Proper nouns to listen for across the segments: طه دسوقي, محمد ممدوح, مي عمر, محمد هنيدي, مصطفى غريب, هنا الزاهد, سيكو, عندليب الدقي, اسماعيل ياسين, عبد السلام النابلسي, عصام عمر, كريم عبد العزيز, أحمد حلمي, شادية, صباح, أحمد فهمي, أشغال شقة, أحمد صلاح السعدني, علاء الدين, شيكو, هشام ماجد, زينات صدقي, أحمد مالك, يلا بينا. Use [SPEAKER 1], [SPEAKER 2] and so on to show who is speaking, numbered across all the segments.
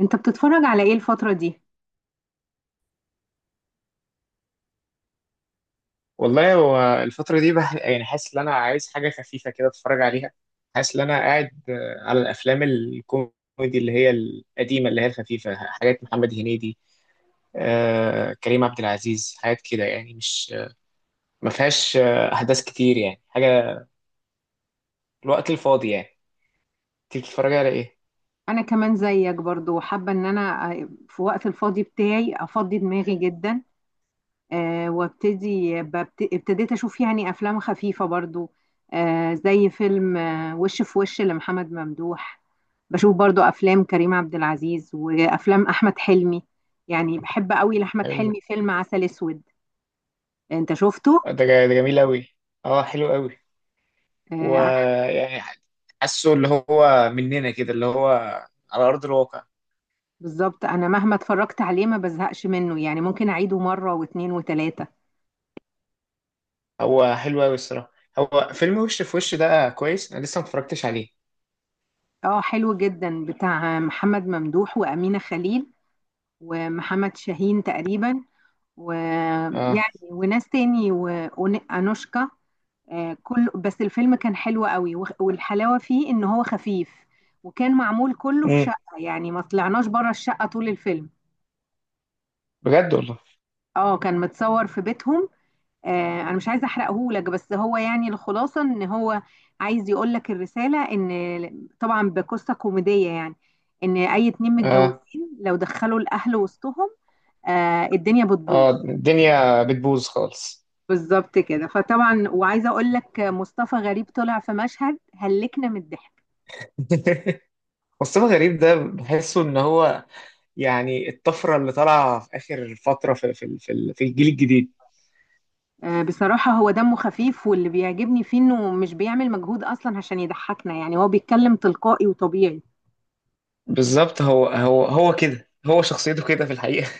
[SPEAKER 1] انت بتتفرج على ايه الفترة دي؟
[SPEAKER 2] والله هو الفترة دي يعني حاسس إن أنا عايز حاجة خفيفة كده أتفرج عليها. حاسس إن أنا قاعد، على الأفلام الكوميدي اللي هي القديمة اللي هي الخفيفة، حاجات محمد هنيدي، كريم عبد العزيز، حاجات كده يعني. مش ما فيهاش أحداث كتير يعني، حاجة الوقت الفاضي يعني. تيجي تتفرج على إيه؟
[SPEAKER 1] انا كمان زيك برضو حابة ان انا في وقت الفاضي بتاعي افضي دماغي جدا. أه وابتدي ابتديت اشوف يعني افلام خفيفة برضو. أه زي فيلم وش في وش لمحمد ممدوح. بشوف برضو افلام كريم عبد العزيز وافلام احمد حلمي، يعني بحب قوي لاحمد
[SPEAKER 2] حلو.
[SPEAKER 1] حلمي فيلم عسل اسود. انت شفته؟
[SPEAKER 2] ده جميل أوي. أه حلو أوي.
[SPEAKER 1] آه، انا.
[SPEAKER 2] ويعني حاسه اللي هو مننا كده، اللي هو على أرض الواقع.
[SPEAKER 1] بالظبط، انا مهما اتفرجت عليه ما بزهقش منه، يعني ممكن اعيده مرة واثنين وثلاثة.
[SPEAKER 2] هو حلو قوي الصراحه. هو فيلم وش في وش ده كويس، انا لسه ما اتفرجتش عليه.
[SPEAKER 1] اه حلو جدا، بتاع محمد ممدوح وأمينة خليل ومحمد شاهين تقريبا،
[SPEAKER 2] اه.
[SPEAKER 1] ويعني وناس تاني وأنوشكا. آه، كل بس الفيلم كان حلو قوي، والحلاوة فيه إن هو خفيف وكان معمول كله في
[SPEAKER 2] امم.
[SPEAKER 1] شقة، يعني ما طلعناش بره الشقة طول الفيلم.
[SPEAKER 2] بجد والله.
[SPEAKER 1] اه كان متصور في بيتهم. انا مش عايزه احرقهولك، بس هو يعني الخلاصه ان هو عايز يقولك الرساله ان طبعا بقصه كوميديه يعني، ان اي اتنين
[SPEAKER 2] اه.
[SPEAKER 1] متجوزين لو دخلوا الاهل وسطهم، الدنيا بتبوظ.
[SPEAKER 2] اه الدنيا بتبوظ خالص.
[SPEAKER 1] بالظبط كده، فطبعا وعايزه اقولك مصطفى غريب طلع في مشهد هلكنا من الضحك.
[SPEAKER 2] مصطفى غريب ده بحسه ان هو يعني الطفره اللي طالعه في اخر فتره في الجيل الجديد.
[SPEAKER 1] بصراحه هو دمه خفيف، واللي بيعجبني فيه انه مش بيعمل مجهود اصلا عشان يضحكنا، يعني هو بيتكلم تلقائي وطبيعي.
[SPEAKER 2] بالظبط، هو كده، هو شخصيته كده في الحقيقه.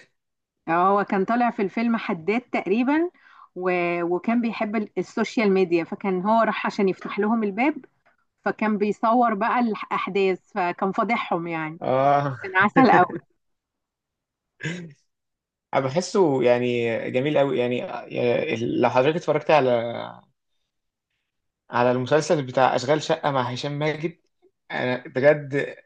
[SPEAKER 1] اه هو كان طالع في الفيلم حداد تقريبا، و... وكان بيحب السوشيال ميديا، فكان هو راح عشان يفتح لهم الباب، فكان بيصور بقى الأحداث فكان فاضحهم يعني.
[SPEAKER 2] اه.
[SPEAKER 1] كان عسل قوي.
[SPEAKER 2] انا بحسه يعني جميل قوي يعني، يعني لو حضرتك اتفرجت على على المسلسل بتاع أشغال شقة مع هشام ماجد، أنا بجد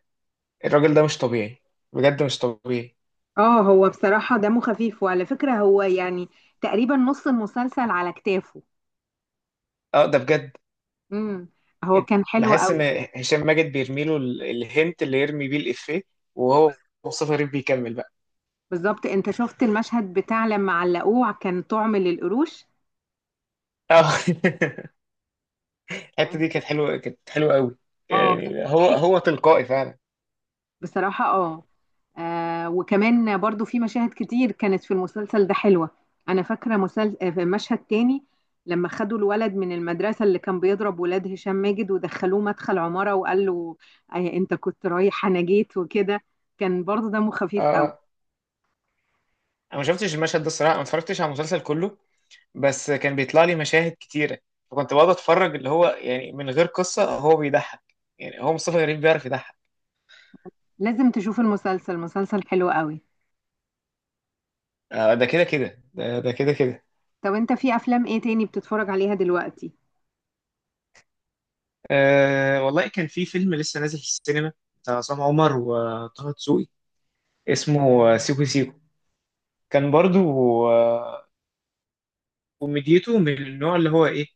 [SPEAKER 2] الراجل ده مش طبيعي، بجد مش طبيعي.
[SPEAKER 1] اه هو بصراحة دمه خفيف، وعلى فكرة هو يعني تقريبا نص المسلسل على كتافه.
[SPEAKER 2] أه ده بجد.
[SPEAKER 1] امم، هو كان حلو
[SPEAKER 2] بحس
[SPEAKER 1] قوي.
[SPEAKER 2] إن هشام ماجد بيرميله الهنت اللي يرمي بيه الإفيه، وهو مصطفى غريب بيكمل بقى.
[SPEAKER 1] بالظبط، انت شفت المشهد بتاع لما علقوه كان طعم للقروش؟
[SPEAKER 2] أه. الحتة
[SPEAKER 1] كان،
[SPEAKER 2] دي كانت حلوة، كانت حلوة قوي.
[SPEAKER 1] اه كان
[SPEAKER 2] يعني هو
[SPEAKER 1] مضحك
[SPEAKER 2] هو تلقائي فعلا.
[SPEAKER 1] بصراحة. اه، وكمان برضو في مشاهد كتير كانت في المسلسل ده حلوة. أنا فاكرة مسل... آه، في مشهد تاني لما خدوا الولد من المدرسة اللي كان بيضرب ولاد هشام ماجد، ودخلوه مدخل عمارة وقال له، أنت كنت رايح أنا جيت وكده. كان برضو دمه
[SPEAKER 2] أه
[SPEAKER 1] خفيف قوي.
[SPEAKER 2] أه. أنا ما شفتش المشهد ده الصراحة، ما اتفرجتش على المسلسل كله، بس كان بيطلع لي مشاهد كتيرة، فكنت بقعد أتفرج اللي هو يعني من غير قصة هو بيضحك. يعني هو مصطفى غريب بيعرف يضحك.
[SPEAKER 1] لازم تشوف المسلسل، مسلسل حلو قوي.
[SPEAKER 2] ده كده كده ده ده كده كده.
[SPEAKER 1] طب أنت في أفلام إيه تاني بتتفرج عليها دلوقتي؟
[SPEAKER 2] أه والله كان في فيلم لسه نازل في السينما بتاع عصام عمر وطه دسوقي، اسمه سيكو سيكو. كان برضو، آه، كوميديته من النوع اللي هو ايه،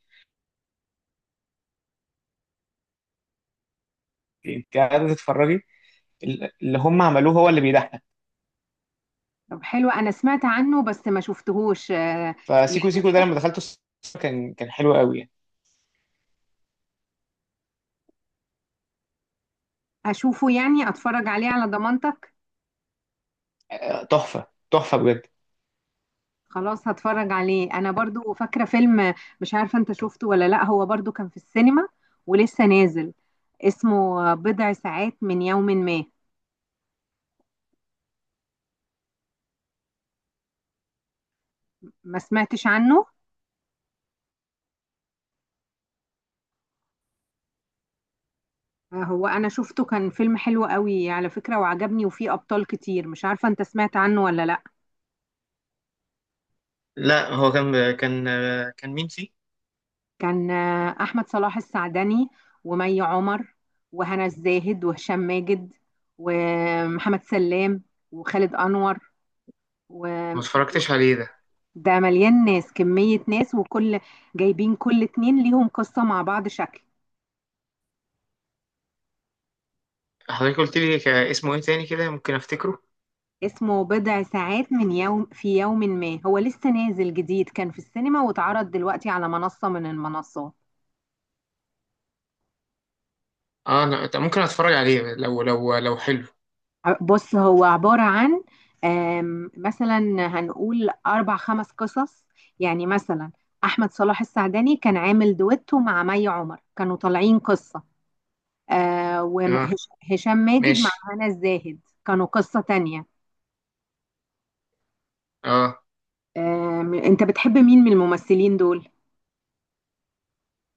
[SPEAKER 2] انت قاعده تتفرجي اللي هم عملوه هو اللي بيضحك.
[SPEAKER 1] طب حلو، أنا سمعت عنه بس ما شفتهوش. آه، يعني
[SPEAKER 2] فسيكو سيكو ده
[SPEAKER 1] أحب
[SPEAKER 2] لما دخلته السينما كان حلو قوي يعني.
[SPEAKER 1] أشوفه، يعني أتفرج عليه على ضمانتك.
[SPEAKER 2] تحفه تحفه بجد.
[SPEAKER 1] خلاص هتفرج عليه. انا برضو فاكره فيلم، مش عارفه انت شفته ولا لا، هو برضو كان في السينما ولسه نازل، اسمه بضع ساعات من يوم ما. ما سمعتش عنه. هو انا شفته كان فيلم حلو قوي على فكره وعجبني، وفيه ابطال كتير، مش عارفه انت سمعت عنه ولا لا.
[SPEAKER 2] لا، هو كان كان مين فيه؟
[SPEAKER 1] كان احمد صلاح السعدني، ومي عمر، وهنا الزاهد، وهشام ماجد، ومحمد سلام، وخالد انور.
[SPEAKER 2] ما اتفرجتش عليه ده.
[SPEAKER 1] ده مليان ناس، كمية ناس، وكل جايبين كل اتنين ليهم قصة مع بعض شكل.
[SPEAKER 2] حضرتك قلت لي اسمه ايه تاني كده ممكن افتكره.
[SPEAKER 1] اسمه بضع ساعات من يوم، في يوم ما، هو لسه نازل جديد، كان في السينما واتعرض دلوقتي على منصة من المنصات.
[SPEAKER 2] اه انا ممكن اتفرج عليه لو لو حلو.
[SPEAKER 1] بص هو عبارة عن، مثلا هنقول أربع خمس قصص. يعني مثلا أحمد صلاح السعدني كان عامل دويتو مع مي عمر، كانوا طالعين قصة،
[SPEAKER 2] اه
[SPEAKER 1] وهشام ماجد مع
[SPEAKER 2] ماشي.
[SPEAKER 1] هنا الزاهد كانوا قصة تانية.
[SPEAKER 2] اه.
[SPEAKER 1] انت بتحب مين من الممثلين دول؟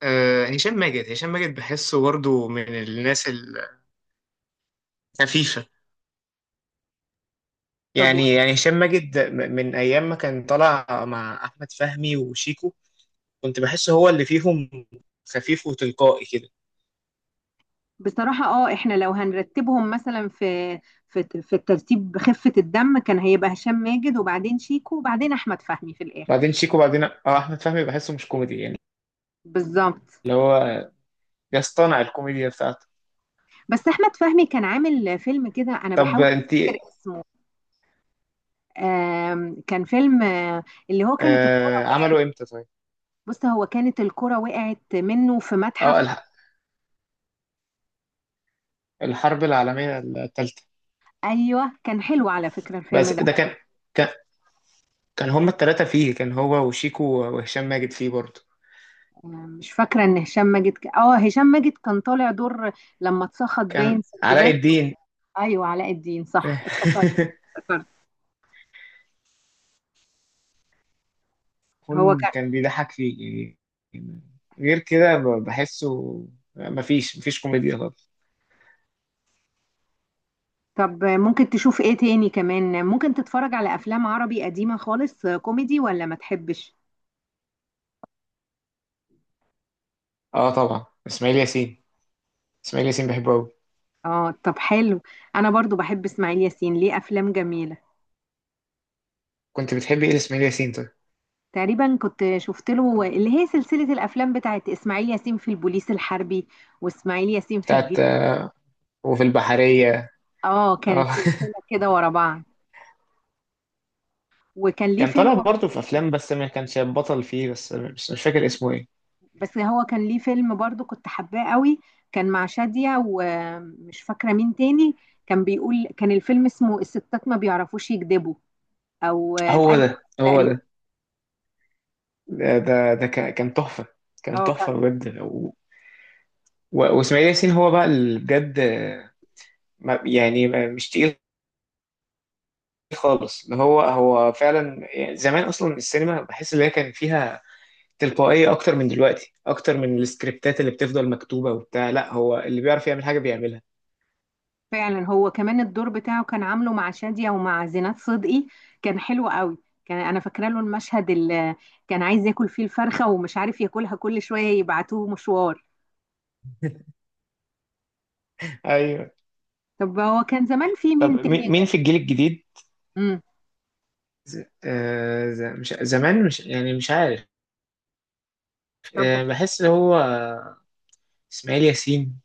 [SPEAKER 2] هشام ماجد، هشام ماجد بحسه برضه من الناس الخفيفة.
[SPEAKER 1] طب و-
[SPEAKER 2] يعني يعني هشام ماجد من أيام ما كان طالع مع أحمد فهمي وشيكو، كنت بحسه هو اللي فيهم خفيف وتلقائي كده.
[SPEAKER 1] بصراحة اه احنا لو هنرتبهم مثلا في في الترتيب بخفة الدم، كان هيبقى هشام ماجد، وبعدين شيكو، وبعدين احمد فهمي في الاخر.
[SPEAKER 2] بعدين شيكو، بعدين اه أحمد فهمي بحسه مش كوميدي يعني،
[SPEAKER 1] بالظبط.
[SPEAKER 2] اللي هو يصطنع الكوميديا بتاعته.
[SPEAKER 1] بس احمد فهمي كان عامل فيلم كده، انا
[SPEAKER 2] طب
[SPEAKER 1] بحاول
[SPEAKER 2] أنت.
[SPEAKER 1] افتكر اسمه. كان فيلم اللي هو كانت الكرة.
[SPEAKER 2] آه عملوا إمتى طيب؟
[SPEAKER 1] بص هو كانت الكرة وقعت منه في
[SPEAKER 2] اه
[SPEAKER 1] متحف.
[SPEAKER 2] الحرب العالمية الثالثة.
[SPEAKER 1] ايوه، كان حلو على فكرة الفيلم
[SPEAKER 2] بس
[SPEAKER 1] ده.
[SPEAKER 2] ده كان، كان كان هما التلاتة فيه، كان هو وشيكو وهشام ماجد فيه برضه.
[SPEAKER 1] مش فاكرة ان هشام ماجد اه هشام ماجد كان طالع دور لما اتسخط
[SPEAKER 2] كان
[SPEAKER 1] باين
[SPEAKER 2] علاء
[SPEAKER 1] سندباد.
[SPEAKER 2] الدين.
[SPEAKER 1] ايوه علاء الدين، صح افتكرت، افتكرت. هو
[SPEAKER 2] كون
[SPEAKER 1] كان.
[SPEAKER 2] كان بيضحك فيه يعني. غير كده بحسه مفيش كوميديا خالص.
[SPEAKER 1] طب ممكن تشوف ايه تاني كمان؟ ممكن تتفرج على افلام عربي قديمة خالص كوميدي ولا ما تحبش؟
[SPEAKER 2] اه طبعا اسماعيل ياسين، اسماعيل ياسين بحبه قوي.
[SPEAKER 1] اه طب حلو، انا برضو بحب اسماعيل ياسين، ليه افلام جميلة.
[SPEAKER 2] كنت بتحب ايه لاسماعيل ياسين طيب؟
[SPEAKER 1] تقريبا كنت شفت له اللي هي سلسلة الافلام بتاعت اسماعيل ياسين في البوليس الحربي واسماعيل ياسين في
[SPEAKER 2] بتاعت
[SPEAKER 1] الجيش.
[SPEAKER 2] وفي البحرية.
[SPEAKER 1] اه كانت
[SPEAKER 2] اه.
[SPEAKER 1] سلسلة كده ورا بعض. وكان ليه
[SPEAKER 2] كان
[SPEAKER 1] فيلم،
[SPEAKER 2] طالع برضه في افلام بس ما كانش بطل فيه، بس مش فاكر اسمه ايه.
[SPEAKER 1] بس هو كان ليه فيلم برضو كنت حباه قوي، كان مع شادية ومش فاكرة مين تاني. كان بيقول، كان الفيلم اسمه الستات ما بيعرفوش يكذبوا، او
[SPEAKER 2] هو
[SPEAKER 1] ايوه
[SPEAKER 2] ده هو
[SPEAKER 1] تقريبا.
[SPEAKER 2] ده. ده كان تحفة، كان
[SPEAKER 1] اه كان
[SPEAKER 2] تحفة بجد. و- و- واسماعيل ياسين هو بقى اللي بجد، مش تقيل خالص، اللي هو فعلا يعني زمان اصلا السينما بحس ان هي كان فيها تلقائيه اكتر من دلوقتي، اكتر من السكريبتات اللي بتفضل مكتوبه وبتاع. لا هو اللي بيعرف يعمل حاجه بيعملها.
[SPEAKER 1] فعلا. هو كمان الدور بتاعه كان عامله مع شادية ومع زينات صدقي، كان حلو قوي. كان، انا فاكره له المشهد اللي كان عايز ياكل فيه الفرخة ومش عارف ياكلها، كل شوية يبعتوه مشوار.
[SPEAKER 2] ايوه.
[SPEAKER 1] طب هو كان زمان في
[SPEAKER 2] طب
[SPEAKER 1] مين تاني
[SPEAKER 2] مين
[SPEAKER 1] غير؟
[SPEAKER 2] في الجيل الجديد؟
[SPEAKER 1] امم.
[SPEAKER 2] مش زمان، مش يعني مش عارف.
[SPEAKER 1] طب
[SPEAKER 2] آه بحس اللي هو اسماعيل ياسين.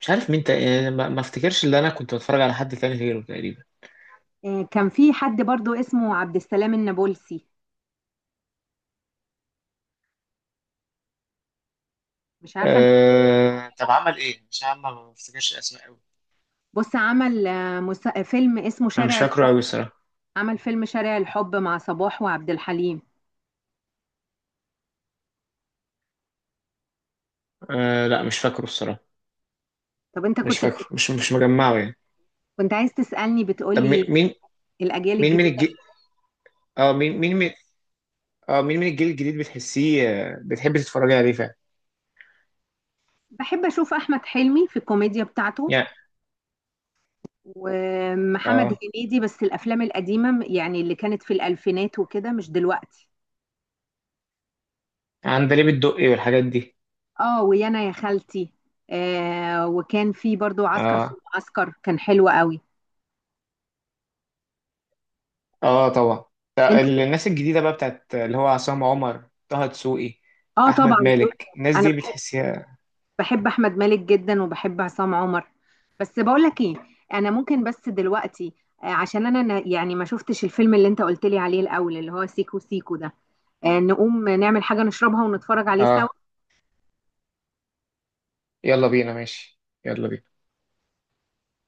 [SPEAKER 2] مش عارف يعني ما افتكرش اللي انا كنت بتفرج على حد تاني غيره تقريبا.
[SPEAKER 1] كان في حد برضو اسمه عبد السلام النابلسي، مش عارفة انت.
[SPEAKER 2] آه... طب عمل ايه؟ مش عارف ما بفتكرش اسماء قوي.
[SPEAKER 1] بص عمل فيلم اسمه
[SPEAKER 2] انا مش
[SPEAKER 1] شارع
[SPEAKER 2] فاكره
[SPEAKER 1] الحب.
[SPEAKER 2] قوي الصراحه.
[SPEAKER 1] عمل فيلم شارع الحب مع صباح وعبد الحليم.
[SPEAKER 2] آه... لا مش فاكره الصراحه.
[SPEAKER 1] طب انت
[SPEAKER 2] مش
[SPEAKER 1] كنت
[SPEAKER 2] فاكره، مش مجمعه يعني.
[SPEAKER 1] كنت عايز تسألني
[SPEAKER 2] طب
[SPEAKER 1] بتقولي الأجيال
[SPEAKER 2] مين من
[SPEAKER 1] الجديدة
[SPEAKER 2] الجيل.
[SPEAKER 1] إيه؟
[SPEAKER 2] اه مين من، اه مين من الجيل الجديد بتحسيه، بتحبي تتفرجي عليه فعلا؟
[SPEAKER 1] بحب أشوف أحمد حلمي في الكوميديا بتاعته.
[SPEAKER 2] يعني.
[SPEAKER 1] ومحمد
[SPEAKER 2] اه
[SPEAKER 1] هنيدي، بس الأفلام القديمة، يعني اللي كانت في الألفينات وكده، مش دلوقتي.
[SPEAKER 2] عندليب الدقي والحاجات دي.
[SPEAKER 1] اه ويانا يا خالتي، آه وكان في برضو عسكر في
[SPEAKER 2] اه.
[SPEAKER 1] المعسكر، كان حلو قوي.
[SPEAKER 2] اه طبعا. ده
[SPEAKER 1] انت،
[SPEAKER 2] الناس الجديده بقى بتاعت اللي هو عصام عمر، طه دسوقي،
[SPEAKER 1] اه طبعا
[SPEAKER 2] احمد
[SPEAKER 1] دول.
[SPEAKER 2] مالك، الناس
[SPEAKER 1] انا
[SPEAKER 2] دي بتحسيها.
[SPEAKER 1] بحب احمد مالك جدا، وبحب عصام عمر. بس بقول لك ايه، انا ممكن بس دلوقتي، عشان انا يعني ما شفتش الفيلم اللي انت قلت لي عليه الاول اللي هو سيكو سيكو ده، نقوم نعمل حاجة نشربها ونتفرج عليه
[SPEAKER 2] اه
[SPEAKER 1] سوا.
[SPEAKER 2] يلا بينا، ماشي يلا بينا.